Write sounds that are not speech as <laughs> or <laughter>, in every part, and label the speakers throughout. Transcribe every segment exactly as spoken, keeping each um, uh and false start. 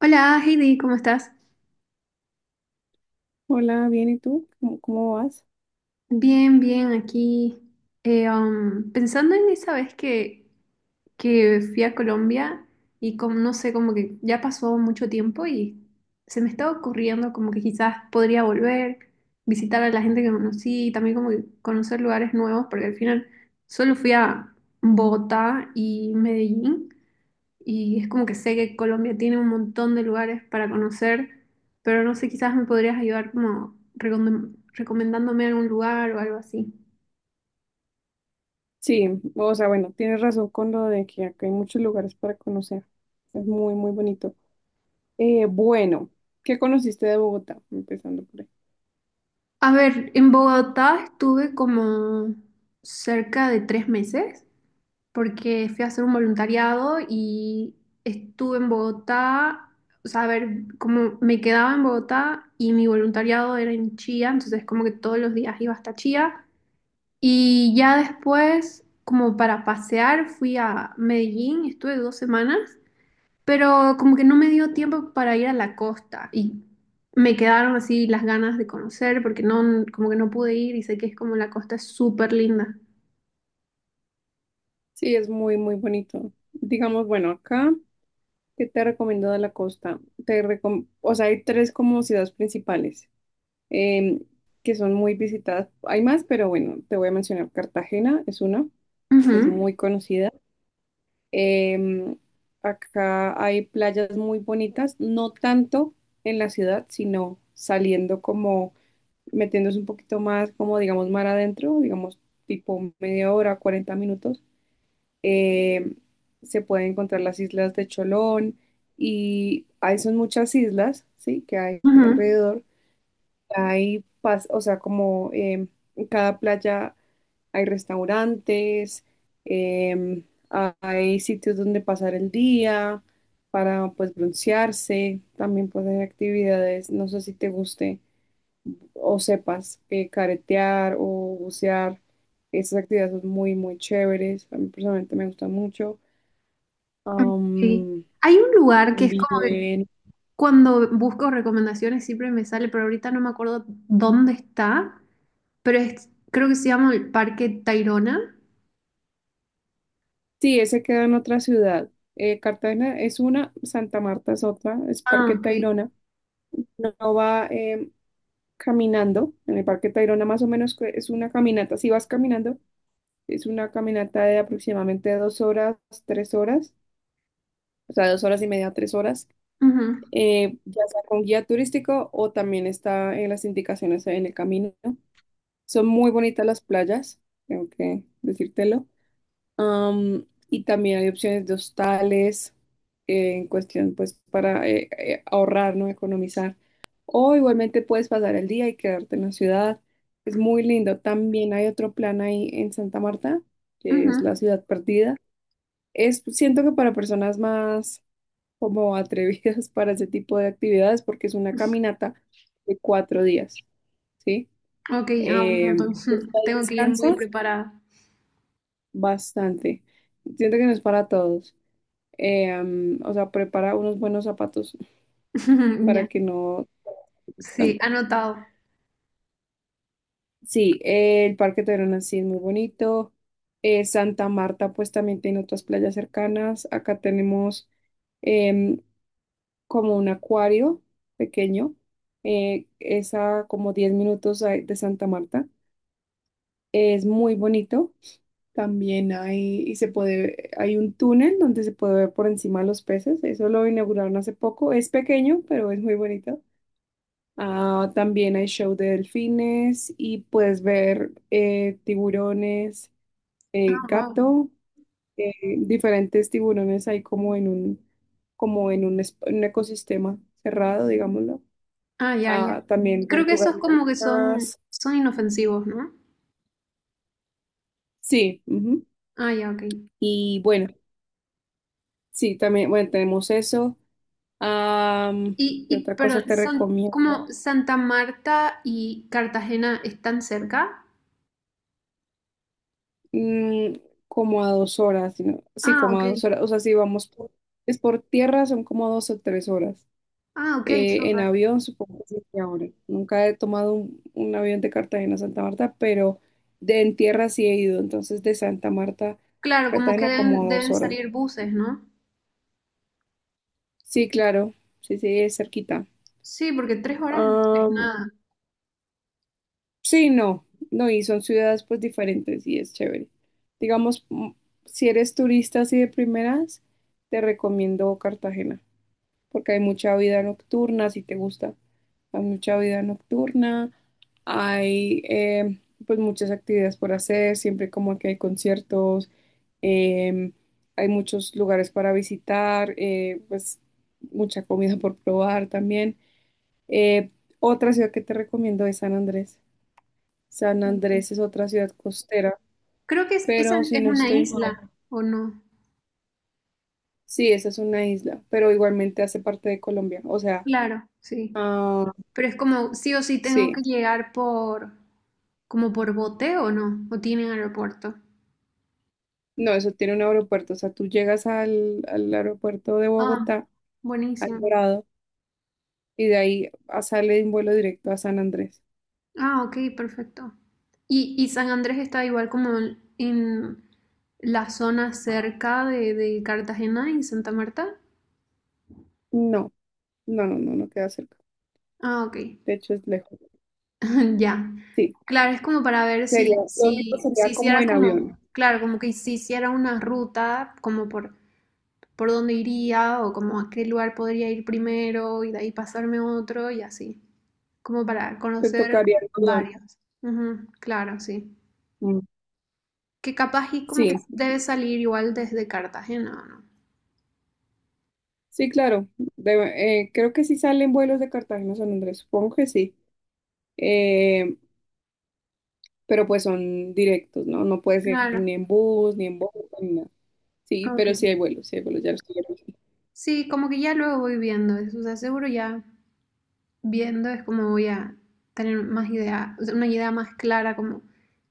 Speaker 1: Hola Heidi, ¿cómo estás?
Speaker 2: Hola, bien, ¿y tú? ¿Cómo, cómo vas?
Speaker 1: Bien, bien, aquí eh, um, pensando en esa vez que, que fui a Colombia y como, no sé, como que ya pasó mucho tiempo y se me estaba ocurriendo como que quizás podría volver, visitar a la gente que conocí y también como que conocer lugares nuevos porque al final solo fui a Bogotá y Medellín y es como que sé que Colombia tiene un montón de lugares para conocer, pero no sé, quizás me podrías ayudar como recomend- recomendándome algún lugar o algo así.
Speaker 2: Sí, o sea, bueno, tienes razón con lo de que acá hay muchos lugares para conocer. Es muy, muy bonito. Eh, bueno, ¿qué conociste de Bogotá? Empezando por ahí.
Speaker 1: A ver, en Bogotá estuve como cerca de tres meses porque fui a hacer un voluntariado y estuve en Bogotá, o sea, a ver, como me quedaba en Bogotá y mi voluntariado era en Chía, entonces como que todos los días iba hasta Chía. Y ya después, como para pasear, fui a Medellín, estuve dos semanas, pero como que no me dio tiempo para ir a la costa y me quedaron así las ganas de conocer porque no, como que no pude ir y sé que es como la costa es súper linda.
Speaker 2: Sí, es muy, muy bonito. Digamos, bueno, acá, ¿qué te recomiendo de la costa? Te recom- o sea, hay tres como ciudades principales em, que son muy visitadas. Hay más, pero bueno, te voy a mencionar. Cartagena es una que es
Speaker 1: Ujú,
Speaker 2: muy conocida. Em, Acá hay playas muy bonitas, no tanto en la ciudad, sino saliendo como metiéndose un poquito más, como digamos, mar adentro, digamos, tipo media hora, cuarenta minutos. Em, Se pueden encontrar las islas de Cholón y hay son muchas islas, ¿sí? que hay
Speaker 1: ujú,
Speaker 2: alrededor. Hay, pas- o sea, como em, en cada playa hay restaurantes, em, hay sitios donde pasar el día para pues broncearse, también pues hay actividades, no sé si te guste o sepas eh, caretear o bucear, esas actividades son muy muy chéveres, a mí personalmente me gustan mucho.
Speaker 1: sí.
Speaker 2: Am,
Speaker 1: Hay un lugar que es como que
Speaker 2: Bien,
Speaker 1: cuando busco recomendaciones siempre me sale, pero ahorita no me acuerdo dónde está, pero es, creo que se llama el Parque Tayrona.
Speaker 2: sí, ese queda en otra ciudad. Eh, Cartagena es una, Santa Marta es otra, es
Speaker 1: Ah,
Speaker 2: Parque
Speaker 1: ok.
Speaker 2: Tayrona. No va, eh, caminando en el Parque Tayrona, más o menos que es una caminata, si vas caminando, es una caminata de aproximadamente dos horas, tres horas, o sea, dos horas y media, tres horas,
Speaker 1: Ujú,
Speaker 2: eh, ya sea con guía turístico o también está en las indicaciones en el camino. Son muy bonitas las playas, tengo que decírtelo. Am, y también hay opciones de hostales eh, en cuestión, pues, para eh, eh, ahorrar, ¿no? Economizar. O igualmente puedes pasar el día y quedarte en la ciudad. Es muy lindo. También hay otro plan ahí en Santa Marta, que es la
Speaker 1: ujú.
Speaker 2: ciudad perdida. Es, siento que para personas más como atrevidas <laughs> para ese tipo de actividades, porque es una caminata de cuatro días, ¿sí?
Speaker 1: Ok, ah, un
Speaker 2: Eh,
Speaker 1: montón.
Speaker 2: pues,
Speaker 1: <laughs>
Speaker 2: ahí
Speaker 1: Tengo que ir muy
Speaker 2: descansas
Speaker 1: preparada.
Speaker 2: bastante. Siento que no es para todos. Eh, am, o sea, prepara unos buenos zapatos
Speaker 1: <laughs> Ya,
Speaker 2: para que no es
Speaker 1: sí,
Speaker 2: tanta.
Speaker 1: anotado.
Speaker 2: Sí, eh, el Parque Tayrona sí es muy bonito. Eh, Santa Marta, pues también tiene otras playas cercanas. Acá tenemos em, como un acuario pequeño. Eh, es a como diez minutos a- de Santa Marta. Es muy bonito. También hay, y se puede, hay un túnel donde se puede ver por encima los peces. Eso lo inauguraron hace poco. Es pequeño, pero es muy bonito. Ah, también hay show de delfines y puedes ver eh, tiburones,
Speaker 1: Ah,
Speaker 2: eh,
Speaker 1: wow.
Speaker 2: gato, eh, diferentes tiburones ahí como en un, como en un, es- en un ecosistema cerrado, digámoslo.
Speaker 1: Ah, ya, ya.
Speaker 2: Ah, también
Speaker 1: Creo que
Speaker 2: tortugas
Speaker 1: esos como que son,
Speaker 2: marinas.
Speaker 1: son inofensivos, ¿no?
Speaker 2: Sí, ujú.
Speaker 1: Ah, ya, ok.
Speaker 2: Y bueno, sí, también, bueno, tenemos eso. Am,
Speaker 1: Y,
Speaker 2: ¿Qué
Speaker 1: y,
Speaker 2: otra cosa
Speaker 1: pero
Speaker 2: te
Speaker 1: son como
Speaker 2: recomiendo?
Speaker 1: Santa Marta y Cartagena están cerca.
Speaker 2: mm, Como a dos horas, sino- sí,
Speaker 1: Ah,
Speaker 2: como
Speaker 1: ok.
Speaker 2: a dos horas, o sea, si vamos por, es por tierra son como dos o tres horas.
Speaker 1: Ah, ok,
Speaker 2: Eh, en
Speaker 1: súper.
Speaker 2: avión supongo que siete horas. Nunca he tomado un, un avión de Cartagena a Santa Marta, pero de en tierra sí he ido, entonces de Santa Marta a
Speaker 1: Claro, como que
Speaker 2: Cartagena como
Speaker 1: deben,
Speaker 2: a dos
Speaker 1: deben
Speaker 2: horas.
Speaker 1: salir buses, ¿no?
Speaker 2: Sí, claro, sí, sí, es cerquita.
Speaker 1: Sí, porque tres horas no es
Speaker 2: Am,
Speaker 1: nada.
Speaker 2: sí, no, no, y son ciudades pues diferentes y es chévere. Digamos, mm, si eres turista así de primeras, te recomiendo Cartagena, porque hay mucha vida nocturna, si te gusta, hay mucha vida nocturna, hay eh, pues muchas actividades por hacer, siempre como que hay conciertos, em, hay muchos lugares para visitar, eh, pues mucha comida por probar también. Eh, Otra ciudad que te recomiendo es San Andrés. San
Speaker 1: Ok.
Speaker 2: Andrés es otra ciudad costera,
Speaker 1: Creo que es, esa
Speaker 2: pero si
Speaker 1: es
Speaker 2: no
Speaker 1: una
Speaker 2: estoy mal,
Speaker 1: isla, ¿o no?
Speaker 2: sí, esa es una isla, pero igualmente hace parte de Colombia, o sea,
Speaker 1: Claro, sí.
Speaker 2: ah,
Speaker 1: Pero es como, sí o sí tengo
Speaker 2: sí.
Speaker 1: que llegar por, como por bote o ¿no? ¿O tienen aeropuerto?
Speaker 2: No, eso tiene un aeropuerto. O sea, tú llegas al, al aeropuerto de
Speaker 1: Ah,
Speaker 2: Bogotá, al
Speaker 1: buenísimo.
Speaker 2: Dorado, y de ahí a- sale un vuelo directo a San Andrés.
Speaker 1: Ah, ok, perfecto. Y, y San Andrés está igual como en, en la zona cerca de, de Cartagena y Santa Marta.
Speaker 2: No, no, no, no, no queda cerca.
Speaker 1: Ah, ok.
Speaker 2: De hecho, es lejos.
Speaker 1: <laughs> Ya.
Speaker 2: Sí,
Speaker 1: Claro, es como para ver
Speaker 2: sería,
Speaker 1: si,
Speaker 2: lo único
Speaker 1: si, si
Speaker 2: sería como
Speaker 1: hiciera
Speaker 2: en avión.
Speaker 1: como, claro, como que si hiciera una ruta como por por dónde iría o como a qué lugar podría ir primero y de ahí pasarme a otro y así, como para
Speaker 2: Te
Speaker 1: conocer
Speaker 2: tocaría en avión.
Speaker 1: varios. Ujú, claro, sí.
Speaker 2: Mm,
Speaker 1: Que capaz y como que
Speaker 2: Sí,
Speaker 1: debe salir igual desde Cartagena, ¿o ¿no?
Speaker 2: sí, claro. De- eh, creo que sí salen vuelos de Cartagena a San Andrés, supongo que sí. Eh, pero pues son directos, ¿no? No puedes ir
Speaker 1: Claro,
Speaker 2: ni en bus, ni en bote, ni nada. Sí, pero sí
Speaker 1: ok.
Speaker 2: hay vuelos, sí hay vuelos, ya los estoy viendo.
Speaker 1: Sí, como que ya luego voy viendo eso, o sea, seguro ya viendo es como voy a tener más idea, o sea, una idea más clara como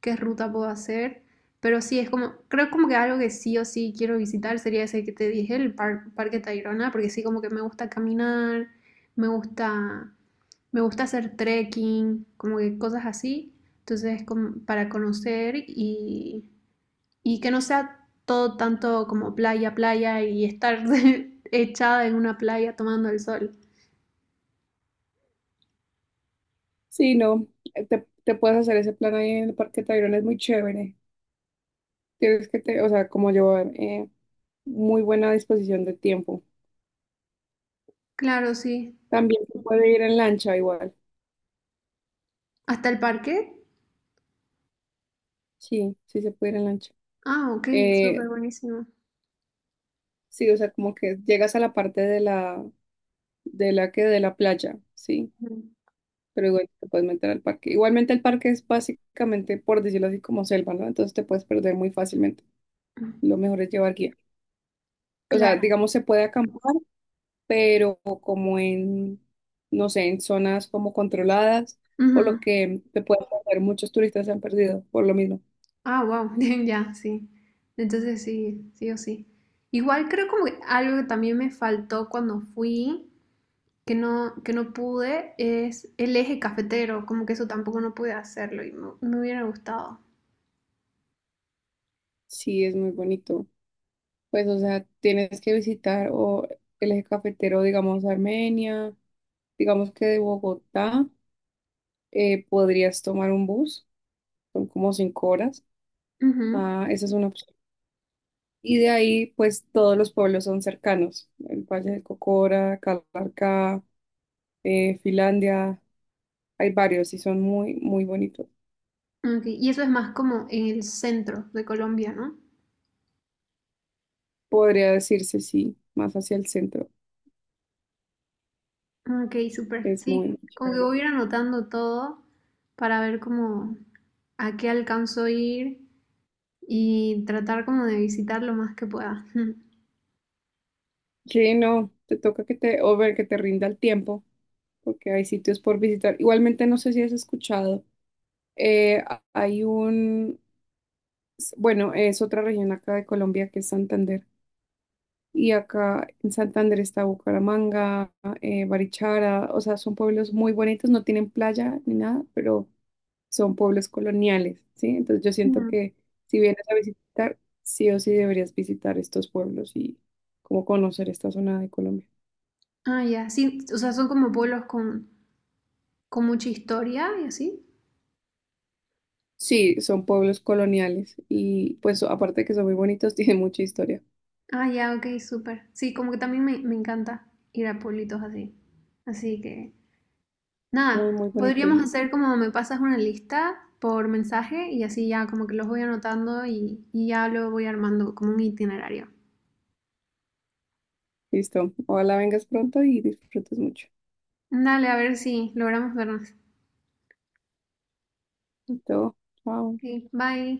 Speaker 1: qué ruta puedo hacer. Pero sí, es como, creo como que algo que sí o sí quiero visitar sería ese que te dije, el par- Parque Tayrona, porque sí como que me gusta caminar, me gusta, me gusta hacer trekking, como que cosas así. Entonces, como para conocer y, y que no sea todo tanto como playa, playa y estar <laughs> echada en una playa tomando el sol.
Speaker 2: Sí, no, te, te puedes hacer ese plan ahí en el Parque Tayrona, es muy chévere. Tienes que, te, o sea, como llevar eh, muy buena disposición de tiempo.
Speaker 1: Claro, sí.
Speaker 2: También se puede ir en lancha igual.
Speaker 1: Hasta el parque.
Speaker 2: Sí, sí se puede ir en lancha.
Speaker 1: Ah, ok,
Speaker 2: Eh,
Speaker 1: súper buenísimo.
Speaker 2: sí, o sea, como que llegas a la parte de la, de la que, de la playa, sí,
Speaker 1: Ujú.
Speaker 2: pero igual te puedes meter al parque. Igualmente el parque es básicamente, por decirlo así, como selva, ¿no? Entonces te puedes perder muy fácilmente. Lo mejor es llevar guía. O sea,
Speaker 1: Claro.
Speaker 2: digamos, se puede acampar, pero como en, no sé, en zonas como controladas, por lo
Speaker 1: Ujú.
Speaker 2: que te puede pasar, muchos turistas se han perdido por lo mismo.
Speaker 1: Ah, wow, <laughs> ya, sí. Entonces sí, sí o sí. Igual creo como que algo que también me faltó cuando fui, que no, que no pude, es el eje cafetero, como que eso tampoco no pude hacerlo y me, me hubiera gustado.
Speaker 2: Sí, es muy bonito. Pues, o sea, tienes que visitar o el eje cafetero, digamos, Armenia, digamos que de Bogotá, eh, podrías tomar un bus, son como cinco horas.
Speaker 1: Ujú.
Speaker 2: Ah, esa es una opción. Y de ahí, pues, todos los pueblos son cercanos, el Valle del Cocora, Calarcá, eh, Finlandia, hay varios y son muy, muy bonitos.
Speaker 1: Ok, y eso es más como en el centro de Colombia, ¿no?
Speaker 2: Podría decirse sí, más hacia el centro.
Speaker 1: Ah, ok, súper,
Speaker 2: Es
Speaker 1: sí.
Speaker 2: muy, muy
Speaker 1: Como que
Speaker 2: chévere.
Speaker 1: voy a ir anotando todo para ver cómo a qué alcanzó ir y tratar como de visitar lo más que pueda. <laughs>
Speaker 2: Sí, no, te toca que te, o ver que te rinda el tiempo, porque hay sitios por visitar. Igualmente, no sé si has escuchado, eh, a- hay un, bueno, es otra región acá de Colombia que es Santander. Y acá en Santander está Bucaramanga, eh, Barichara, o sea, son pueblos muy bonitos, no tienen playa ni nada, pero son pueblos coloniales, ¿sí? Entonces yo siento
Speaker 1: Mm.
Speaker 2: que si vienes a visitar, sí o sí deberías visitar estos pueblos y como conocer esta zona de Colombia.
Speaker 1: Ah, ya, sí, o sea, son como pueblos con, con mucha historia y así.
Speaker 2: Sí, son pueblos coloniales y pues aparte de que son muy bonitos, <laughs> tienen mucha historia.
Speaker 1: Ah, ya, ok, súper. Sí, como que también me, me encanta ir a pueblitos así. Así que,
Speaker 2: Muy,
Speaker 1: nada,
Speaker 2: muy bonito.
Speaker 1: podríamos
Speaker 2: el-
Speaker 1: hacer como me pasas una lista por mensaje y así ya como que los voy anotando y, y ya lo voy armando como un itinerario.
Speaker 2: Listo. Ojalá vengas pronto y disfrutes mucho.
Speaker 1: Dale, a ver si logramos vernos.
Speaker 2: Todo. Chao.
Speaker 1: Ok, bye.